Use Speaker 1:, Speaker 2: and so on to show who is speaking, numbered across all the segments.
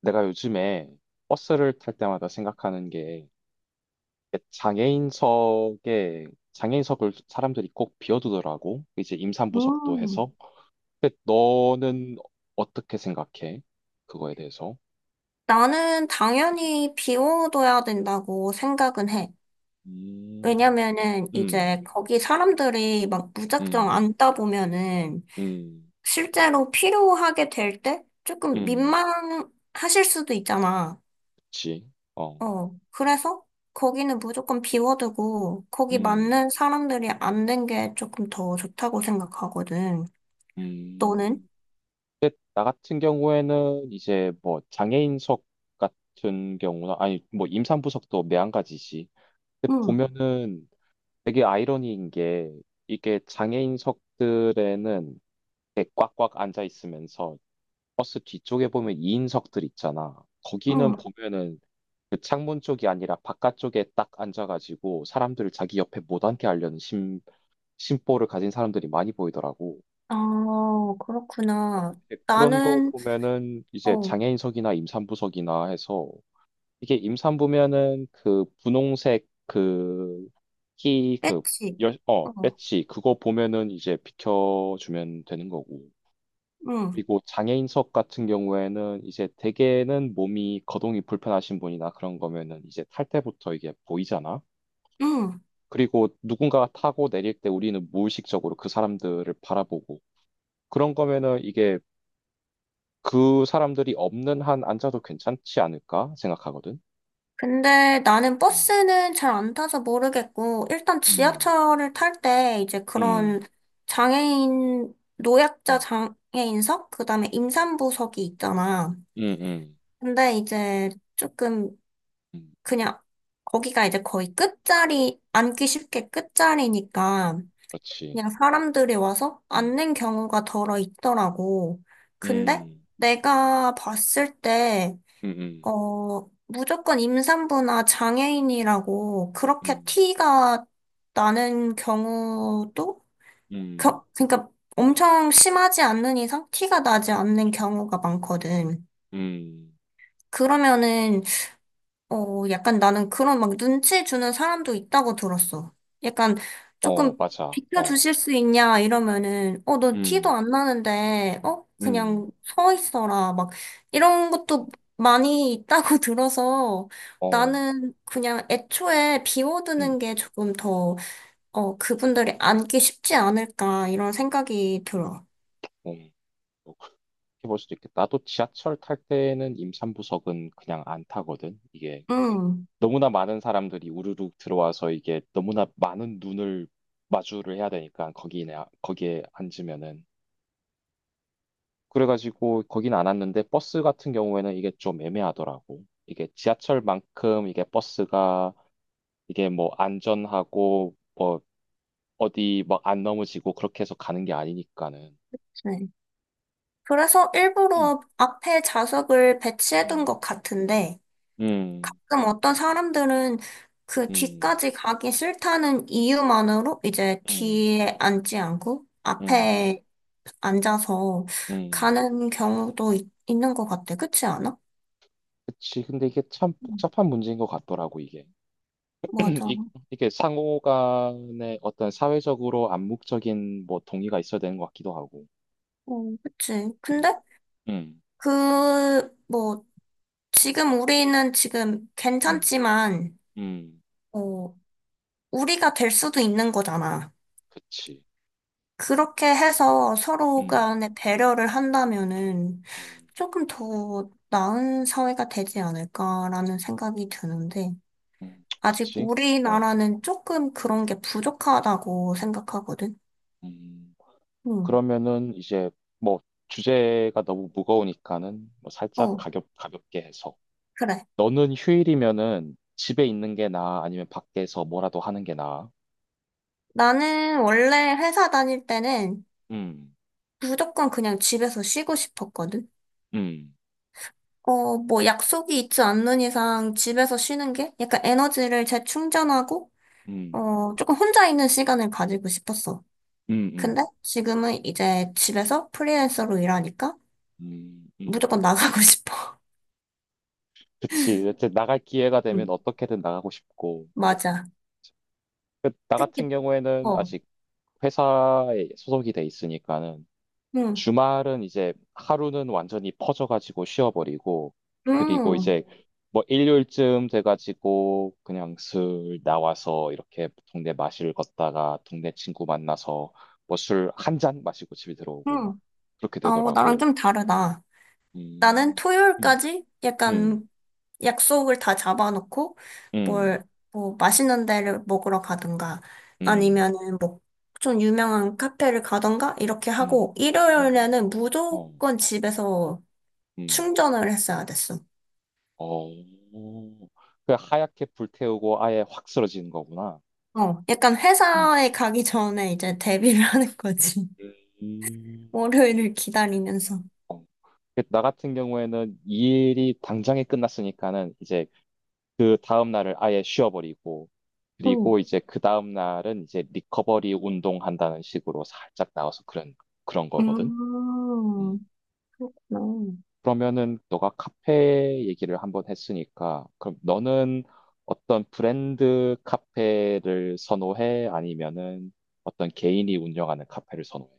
Speaker 1: 내가 요즘에 버스를 탈 때마다 생각하는 게 장애인석에 장애인석을 사람들이 꼭 비워두더라고. 이제 임산부석도
Speaker 2: 음,
Speaker 1: 해서. 근데 너는 어떻게 생각해? 그거에 대해서?
Speaker 2: 나는 당연히 비워둬야 된다고 생각은 해.
Speaker 1: 음,
Speaker 2: 왜냐면은
Speaker 1: 음,
Speaker 2: 이제 거기 사람들이 막 무작정
Speaker 1: 음,
Speaker 2: 앉다 보면은
Speaker 1: 음,
Speaker 2: 실제로 필요하게 될 때 조금
Speaker 1: 음,
Speaker 2: 민망하실 수도 있잖아.
Speaker 1: 그치. 어,
Speaker 2: 그래서 거기는 무조건 비워두고 거기
Speaker 1: 음,
Speaker 2: 맞는 사람들이 앉는 게 조금 더 좋다고 생각하거든.
Speaker 1: 음.
Speaker 2: 너는?
Speaker 1: 나 같은 경우에는 이제 뭐 장애인석 같은 경우나, 아니, 뭐 임산부석도 매한가지지. 근데
Speaker 2: 응,
Speaker 1: 보면은 되게 아이러니인 게 이게 장애인석들에는 이렇게 꽉꽉 앉아 있으면서 버스 뒤쪽에 보면 2인석들 있잖아. 거기는
Speaker 2: 응.
Speaker 1: 보면은 그 창문 쪽이 아니라 바깥쪽에 딱 앉아가지고 사람들을 자기 옆에 못 앉게 하려는 심보를 가진 사람들이 많이 보이더라고.
Speaker 2: 아, 그렇구나.
Speaker 1: 근데 그런 거
Speaker 2: 나는,
Speaker 1: 보면은 이제
Speaker 2: 어,
Speaker 1: 장애인석이나 임산부석이나 해서 이게 임산부면은 그 분홍색 그키그
Speaker 2: 그치? 어,
Speaker 1: 배지 그거 보면은 이제 비켜주면 되는 거고.
Speaker 2: 응,
Speaker 1: 그리고 장애인석 같은 경우에는 이제 대개는 몸이 거동이 불편하신 분이나 그런 거면은 이제 탈 때부터 이게 보이잖아.
Speaker 2: 응.
Speaker 1: 그리고 누군가가 타고 내릴 때 우리는 무의식적으로 그 사람들을 바라보고 그런 거면은 이게 그 사람들이 없는 한 앉아도 괜찮지 않을까 생각하거든.
Speaker 2: 근데 나는
Speaker 1: 음.
Speaker 2: 버스는 잘 안 타서 모르겠고, 일단
Speaker 1: 음.
Speaker 2: 지하철을 탈 때 이제 그런 장애인, 노약자
Speaker 1: 음.
Speaker 2: 장애인석? 그 다음에 임산부석이 있잖아.
Speaker 1: 음, 음,
Speaker 2: 근데 이제 조금
Speaker 1: 음,
Speaker 2: 그냥 거기가 이제 거의 끝자리, 앉기 쉽게 끝자리니까
Speaker 1: 그렇지.
Speaker 2: 그냥 사람들이 와서
Speaker 1: 음,
Speaker 2: 앉는 경우가 덜어 있더라고. 근데
Speaker 1: 음,
Speaker 2: 내가 봤을 때
Speaker 1: 음,
Speaker 2: 무조건 임산부나 장애인이라고 그렇게
Speaker 1: 음,
Speaker 2: 티가 나는 경우도,
Speaker 1: 음, 음,
Speaker 2: 그러니까 엄청 심하지 않는 이상 티가 나지 않는 경우가 많거든.
Speaker 1: 음.
Speaker 2: 그러면은 약간 나는 그런 막 눈치 주는 사람도 있다고 들었어. 약간
Speaker 1: 어,
Speaker 2: 조금
Speaker 1: 맞아. 어,
Speaker 2: 비켜주실 수 있냐 이러면은, 너 티도
Speaker 1: 음,
Speaker 2: 안 나는데,
Speaker 1: 음,
Speaker 2: 그냥 서 있어라. 막 이런 것도 많이 있다고 들어서
Speaker 1: 어,
Speaker 2: 나는 그냥 애초에
Speaker 1: 음,
Speaker 2: 비워두는 게 조금 더, 그분들이 앉기 쉽지 않을까 이런 생각이 들어.
Speaker 1: 음. 뭐 그렇게 볼 수도 있겠다. 나도 지하철 탈 때는 임산부석은 그냥 안 타거든. 이게
Speaker 2: 음,
Speaker 1: 너무나 많은 사람들이 우르르 들어와서 이게 너무나 많은 눈을 마주를 해야 되니까 거기에 앉으면은 그래가지고 거긴 안 왔는데 버스 같은 경우에는 이게 좀 애매하더라고. 이게 지하철만큼 이게 버스가 이게 뭐 안전하고 뭐 어디 막 안 넘어지고 그렇게 해서 가는 게 아니니까는.
Speaker 2: 네. 그래서
Speaker 1: 음,
Speaker 2: 일부러 앞에 좌석을 배치해둔
Speaker 1: 음.
Speaker 2: 것 같은데,
Speaker 1: 음,
Speaker 2: 가끔 어떤 사람들은 그
Speaker 1: 음,
Speaker 2: 뒤까지 가기 싫다는 이유만으로 이제
Speaker 1: 음,
Speaker 2: 뒤에 앉지 않고
Speaker 1: 음,
Speaker 2: 앞에 앉아서
Speaker 1: 음.
Speaker 2: 가는 경우도 있, 는것 같아. 그렇지 않아?
Speaker 1: 그치. 근데 이게 참
Speaker 2: 음.
Speaker 1: 복잡한 문제인 것 같더라고, 이게. 이,
Speaker 2: 맞아.
Speaker 1: 이게 상호 간의 어떤 사회적으로 암묵적인 뭐 동의가 있어야 되는 것 같기도 하고.
Speaker 2: 어, 그치. 근데
Speaker 1: 음, 음,
Speaker 2: 그, 뭐, 지금 우리는 지금
Speaker 1: 음,
Speaker 2: 괜찮지만,
Speaker 1: 음.
Speaker 2: 어, 우리가 될 수도 있는 거잖아.
Speaker 1: 그치.
Speaker 2: 그렇게 해서 서로
Speaker 1: 음,
Speaker 2: 간에 배려를 한다면은,
Speaker 1: 음,
Speaker 2: 조금 더 나은 사회가 되지 않을까라는 생각이 드는데, 아직
Speaker 1: 그치. 어,
Speaker 2: 우리나라는 조금 그런 게 부족하다고 생각하거든.
Speaker 1: 음,
Speaker 2: 응,
Speaker 1: 그러면은 이제 뭐 주제가 너무 무거우니까는 뭐 살짝
Speaker 2: 어,
Speaker 1: 가볍게 해서.
Speaker 2: 그래.
Speaker 1: 너는 휴일이면은 집에 있는 게 나아? 아니면 밖에서 뭐라도 하는 게 나아?
Speaker 2: 나는 원래 회사 다닐 때는
Speaker 1: 음,
Speaker 2: 무조건 그냥 집에서 쉬고 싶었거든.
Speaker 1: 음,
Speaker 2: 뭐 약속이 있지 않는 이상 집에서 쉬는 게 약간 에너지를 재충전하고,
Speaker 1: 음,
Speaker 2: 조금 혼자 있는 시간을 가지고 싶었어.
Speaker 1: 음,
Speaker 2: 근데
Speaker 1: 음,
Speaker 2: 지금은 이제 집에서 프리랜서로 일하니까
Speaker 1: 음, 음.
Speaker 2: 무조건 나가고 싶어.
Speaker 1: 그치. 이제 나갈 기회가 되면 어떻게든 나가고 싶고.
Speaker 2: 맞아.
Speaker 1: 그, 나
Speaker 2: 특히,
Speaker 1: 같은 경우에는
Speaker 2: 어,
Speaker 1: 아직 회사에 소속이 돼 있으니까는
Speaker 2: 응,
Speaker 1: 주말은 이제 하루는 완전히 퍼져가지고 쉬어버리고, 그리고
Speaker 2: 응,
Speaker 1: 이제 뭐 일요일쯤 돼가지고 그냥 슬 나와서 이렇게 동네 마실 걷다가 동네 친구 만나서 뭐 술 한잔 마시고 집에 들어오고 막
Speaker 2: 응.
Speaker 1: 그렇게
Speaker 2: 아, 어, 나랑
Speaker 1: 되더라고.
Speaker 2: 좀 다르다. 나는
Speaker 1: 음, 음,
Speaker 2: 토요일까지
Speaker 1: 음,
Speaker 2: 약간 약속을 다 잡아놓고
Speaker 1: 음,
Speaker 2: 뭘, 맛있는 데를 먹으러 가든가
Speaker 1: 음,
Speaker 2: 아니면은 뭐, 좀 유명한 카페를 가든가 이렇게
Speaker 1: 음,
Speaker 2: 하고
Speaker 1: 어,
Speaker 2: 일요일에는
Speaker 1: 어,
Speaker 2: 무조건 집에서
Speaker 1: 음,
Speaker 2: 충전을 했어야 됐어.
Speaker 1: 어. 그 하얗게 불태우고 아예 확 쓰러지는 거구나.
Speaker 2: 어, 약간
Speaker 1: 음.
Speaker 2: 회사에 가기 전에 이제 데뷔를 하는 거지.
Speaker 1: 음.
Speaker 2: 월요일을 기다리면서.
Speaker 1: 그 나 같은 경우에는 이 일이 당장에 끝났으니까는 이제 그 다음 날을 아예 쉬어버리고
Speaker 2: 응.
Speaker 1: 그리고 이제 그 다음 날은 이제 리커버리 운동한다는 식으로 살짝 나와서 그런 거거든. 음.
Speaker 2: 음. 그렇구나.
Speaker 1: 그러면은 너가 카페 얘기를 한번 했으니까 그럼 너는 어떤 브랜드 카페를 선호해? 아니면은 어떤 개인이 운영하는 카페를 선호해?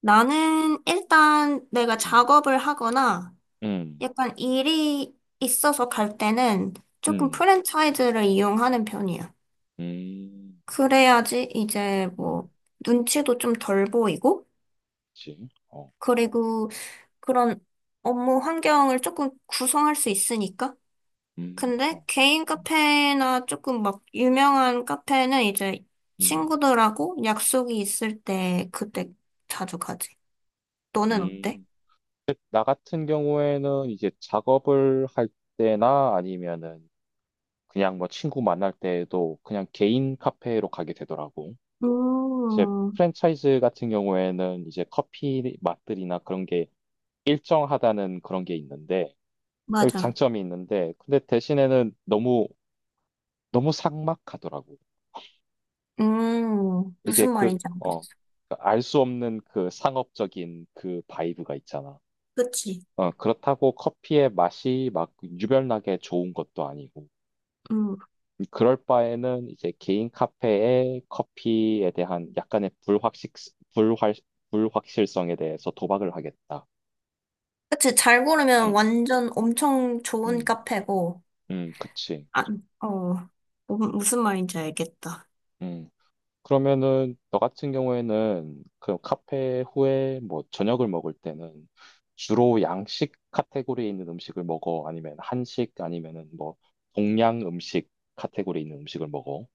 Speaker 2: 나는 일단 내가
Speaker 1: 음.
Speaker 2: 작업을 하거나
Speaker 1: 음.
Speaker 2: 약간 일이 있어서 갈 때는 조금
Speaker 1: 음.
Speaker 2: 프랜차이즈를 이용하는 편이야.
Speaker 1: 음.
Speaker 2: 그래야지 이제
Speaker 1: 음.
Speaker 2: 뭐 눈치도 좀 덜 보이고,
Speaker 1: 그치? 어.
Speaker 2: 그리고 그런 업무 환경을 조금 구성할 수 있으니까. 근데
Speaker 1: 어,
Speaker 2: 개인 카페나 조금 막 유명한 카페는 이제
Speaker 1: 음,
Speaker 2: 친구들하고 약속이 있을 때 그때 자주 가지. 너는 어때?
Speaker 1: 음. 나 같은 경우에는 이제 작업을 할 때나 아니면은 그냥 뭐 친구 만날 때에도 그냥 개인 카페로 가게 되더라고. 이제
Speaker 2: 음.
Speaker 1: 프랜차이즈 같은 경우에는 이제 커피 맛들이나 그런 게 일정하다는 그런 게 있는데, 여기
Speaker 2: 맞아.
Speaker 1: 장점이 있는데, 근데 대신에는 너무, 너무 삭막하더라고. 이게
Speaker 2: 무슨 말인지 알겠어.
Speaker 1: 그러니까 알수 없는 그 상업적인 그 바이브가 있잖아.
Speaker 2: 그치.
Speaker 1: 어, 그렇다고 커피의 맛이 막 유별나게 좋은 것도 아니고,
Speaker 2: 음.
Speaker 1: 그럴 바에는 이제 개인 카페에 커피에 대한 약간의 불확, 불확실성에 대해서 도박을 하겠다.
Speaker 2: 그치. 잘 고르면
Speaker 1: 음,
Speaker 2: 완전 엄청 좋은
Speaker 1: 음,
Speaker 2: 카페고,
Speaker 1: 그치.
Speaker 2: 아, 어, 뭐, 무슨 말인지 알겠다.
Speaker 1: 음. 그러면은, 너 같은 경우에는 그 카페 후에 뭐 저녁을 먹을 때는 주로 양식 카테고리에 있는 음식을 먹어? 아니면 한식? 아니면은 뭐 동양 음식 카테고리에 있는 음식을 먹어?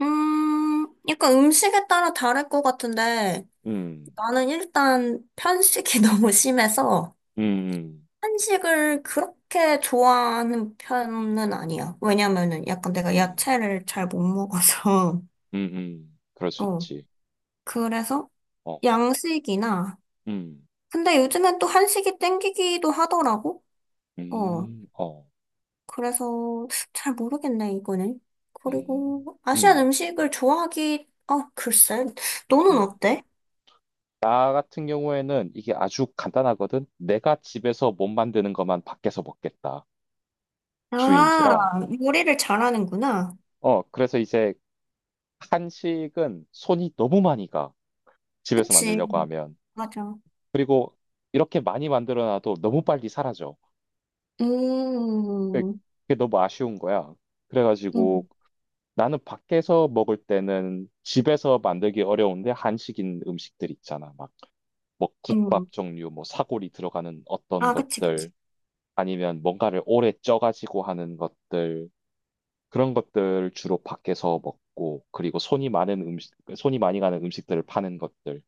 Speaker 2: 약간 음식에 따라 다를 것 같은데,
Speaker 1: 음.
Speaker 2: 나는 일단 편식이 너무 심해서,
Speaker 1: 음, 음,
Speaker 2: 한식을 그렇게 좋아하는 편은 아니야. 왜냐면은 약간 내가
Speaker 1: 음,
Speaker 2: 야채를 잘 못 먹어서,
Speaker 1: 그럴 수
Speaker 2: 어,
Speaker 1: 있지.
Speaker 2: 그래서
Speaker 1: 어,
Speaker 2: 양식이나,
Speaker 1: 음,
Speaker 2: 근데 요즘엔 또 한식이 땡기기도 하더라고. 어.
Speaker 1: 어,
Speaker 2: 그래서 잘 모르겠네, 이거는.
Speaker 1: 음,
Speaker 2: 그리고 아시안
Speaker 1: 음,
Speaker 2: 음식을 좋아하기, 어, 글쎄. 너는
Speaker 1: 음.
Speaker 2: 어때?
Speaker 1: 나 같은 경우에는 이게 아주 간단하거든. 내가 집에서 못 만드는 것만 밖에서 먹겠다.
Speaker 2: 아,
Speaker 1: 주인지라.
Speaker 2: 요리를 잘하는구나.
Speaker 1: 어, 그래서 이제 한식은 손이 너무 많이 가. 집에서
Speaker 2: 그치,
Speaker 1: 만들려고 하면.
Speaker 2: 맞아.
Speaker 1: 그리고 이렇게 많이 만들어놔도 너무 빨리 사라져.
Speaker 2: 음,
Speaker 1: 그게 너무 아쉬운 거야. 그래가지고
Speaker 2: 음,
Speaker 1: 나는 밖에서 먹을 때는 집에서 만들기 어려운데 한식인 음식들 있잖아. 막, 뭐
Speaker 2: 음.
Speaker 1: 국밥 종류, 뭐 사골이 들어가는 어떤
Speaker 2: 아, 그치, 그치.
Speaker 1: 것들, 아니면 뭔가를 오래 쪄가지고 하는 것들, 그런 것들 주로 밖에서 먹고, 그리고 손이 많은 음식, 손이 많이 가는 음식들을 파는 것들.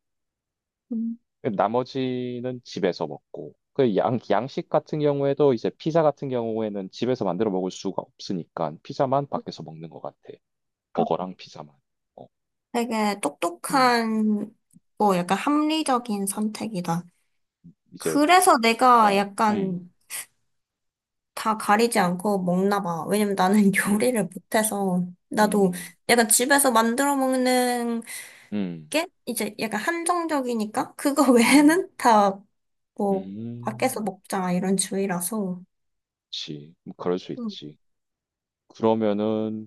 Speaker 2: 음.
Speaker 1: 나머지는 집에서 먹고. 그 양식 같은 경우에도 이제 피자 같은 경우에는 집에서 만들어 먹을 수가 없으니까 피자만 밖에서 먹는 것 같아.
Speaker 2: 아,
Speaker 1: 버거랑 피자만. 어,
Speaker 2: 되게
Speaker 1: 음.
Speaker 2: 똑똑한, 뭐, 약간 합리적인 선택이다.
Speaker 1: 이제
Speaker 2: 그래서 내가
Speaker 1: 어, 음,
Speaker 2: 약간 다 가리지 않고 먹나 봐. 왜냐면 나는
Speaker 1: 음,
Speaker 2: 요리를 못해서 나도
Speaker 1: 음,
Speaker 2: 약간 집에서 만들어 먹는
Speaker 1: 음,
Speaker 2: 게 이제 약간 한정적이니까 그거
Speaker 1: 음,
Speaker 2: 외에는 다 뭐 밖에서
Speaker 1: 음,
Speaker 2: 먹자 이런 주의라서.
Speaker 1: 그치. 뭐 그럴 수
Speaker 2: 음.
Speaker 1: 있지. 그러면은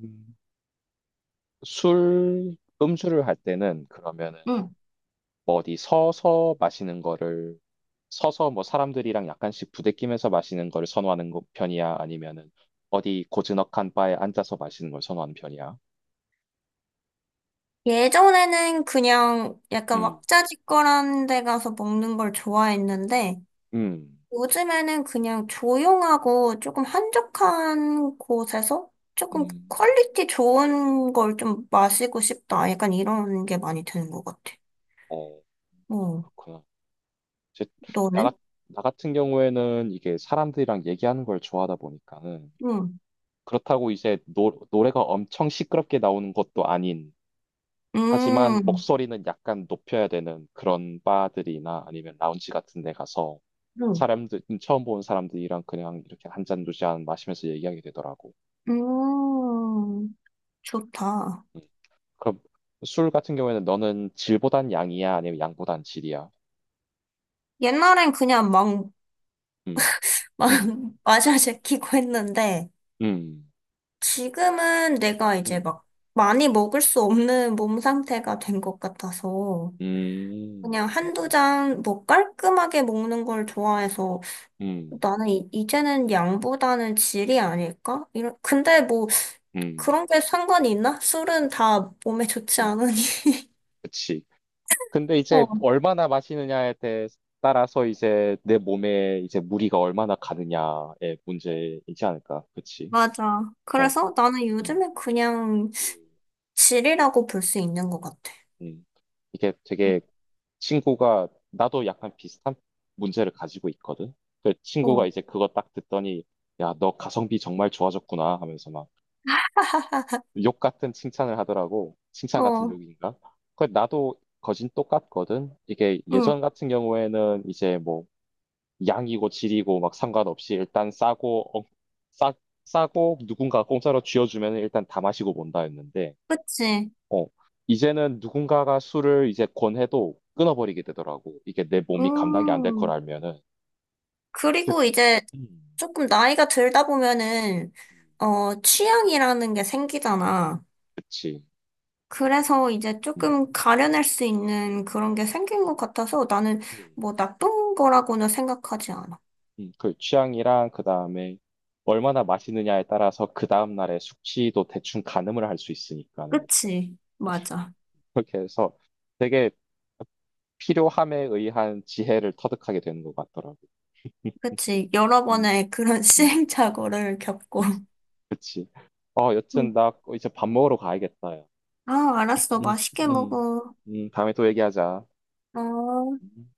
Speaker 1: 술, 음주를 할 때는 그러면은
Speaker 2: 응. 응.
Speaker 1: 뭐 어디 서서 마시는 거를 서서 뭐 사람들이랑 약간씩 부대끼면서 마시는 거를 선호하는 편이야? 아니면은 어디 고즈넉한 바에 앉아서 마시는 걸 선호하는 편이야?
Speaker 2: 예전에는 그냥 약간
Speaker 1: 음,
Speaker 2: 왁자지껄한 데 가서 먹는 걸 좋아했는데
Speaker 1: 음,
Speaker 2: 요즘에는 그냥 조용하고 조금 한적한 곳에서 조금
Speaker 1: 음,
Speaker 2: 퀄리티 좋은 걸 좀 마시고 싶다. 약간 이런 게 많이 드는 것 같아.
Speaker 1: 어,
Speaker 2: 어,
Speaker 1: 그렇구나. 이제 나,
Speaker 2: 너는?
Speaker 1: 같- 나 같은 경우에는 이게 사람들이랑 얘기하는 걸 좋아하다 보니까는
Speaker 2: 응.
Speaker 1: 그렇다고 이제 노래가 엄청 시끄럽게 나오는 것도 아닌 하지만
Speaker 2: 음,
Speaker 1: 목소리는 약간 높여야 되는 그런 바들이나 아니면 라운지 같은 데 가서
Speaker 2: 응.
Speaker 1: 사람들 처음 보는 사람들이랑 그냥 이렇게 한 잔 두 잔 마시면서 얘기하게 되더라고.
Speaker 2: 음, 좋다.
Speaker 1: 음. 그럼 술 같은 경우에는 너는 질보단 양이야 아니면 양보단 질이야?
Speaker 2: 옛날엔 그냥
Speaker 1: 음.
Speaker 2: 막,
Speaker 1: 음.
Speaker 2: 마샤 제키고 했는데,
Speaker 1: 음.
Speaker 2: 지금은 내가 이제
Speaker 1: 음.
Speaker 2: 막 많이 먹을 수 없는 몸 상태가 된 것 같아서,
Speaker 1: 음.
Speaker 2: 그냥 한두 잔 뭐 깔끔하게 먹는 걸 좋아해서
Speaker 1: 음. 음.
Speaker 2: 나는 이제는 양보다는 질이 아닐까? 이런, 근데 뭐
Speaker 1: 음.
Speaker 2: 그런 게 상관이 있나? 술은 다 몸에 좋지
Speaker 1: 음,
Speaker 2: 않으니.
Speaker 1: 그치. 근데 이제
Speaker 2: 어,
Speaker 1: 얼마나 마시느냐에 대 따라서 이제 내 몸에 이제 무리가 얼마나 가느냐의 문제이지 않을까. 그치.
Speaker 2: 맞아.
Speaker 1: 어.
Speaker 2: 그래서 나는
Speaker 1: 음.
Speaker 2: 요즘에 그냥
Speaker 1: 음.
Speaker 2: 질이라고 볼 수 있는 것 같아.
Speaker 1: 음. 이게 되게 친구가 나도 약간 비슷한 문제를 가지고 있거든. 그 친구가
Speaker 2: 응.
Speaker 1: 이제 그거 딱 듣더니 야, 너 가성비 정말 좋아졌구나 하면서 막 욕 같은 칭찬을 하더라고.
Speaker 2: 어,
Speaker 1: 칭찬 같은
Speaker 2: 어,
Speaker 1: 욕인가? 그 나도 거진 똑같거든. 이게
Speaker 2: 응,
Speaker 1: 예전 같은 경우에는 이제 뭐 양이고 질이고 막 상관없이 일단 싸, 싸고 누군가 공짜로 쥐어주면 일단 다 마시고 본다였는데
Speaker 2: 그치.
Speaker 1: 어 이제는 누군가가 술을 이제 권해도 끊어버리게 되더라고 이게 내 몸이 감당이 안 될 걸
Speaker 2: 음,
Speaker 1: 알면은 즉,
Speaker 2: 그리고 이제
Speaker 1: 음,
Speaker 2: 조금 나이가 들다 보면은,
Speaker 1: 음,
Speaker 2: 취향이라는 게 생기잖아.
Speaker 1: 그치
Speaker 2: 그래서 이제
Speaker 1: 음,
Speaker 2: 조금 가려낼 수 있는 그런 게 생긴 것 같아서 나는
Speaker 1: 음,
Speaker 2: 뭐 나쁜 거라고는 생각하지 않아.
Speaker 1: 그 취향이랑 그 다음에 얼마나 마시느냐에 따라서 그 다음날의 숙취도 대충 가늠을 할 수 있으니까는
Speaker 2: 그치, 맞아.
Speaker 1: 그렇게 해서 되게 필요함에 의한 지혜를 터득하게 되는 것 같더라고.
Speaker 2: 그치, 여러
Speaker 1: 음,
Speaker 2: 번의 그런
Speaker 1: 음,
Speaker 2: 시행착오를 겪고.
Speaker 1: 그치. 어, 여튼
Speaker 2: 음.
Speaker 1: 나 이제 밥 먹으러 가야겠다. 야.
Speaker 2: 아, 알았어.
Speaker 1: 음,
Speaker 2: 맛있게
Speaker 1: 음,
Speaker 2: 먹어.
Speaker 1: 다음에 또 얘기하자.
Speaker 2: 어.
Speaker 1: 음.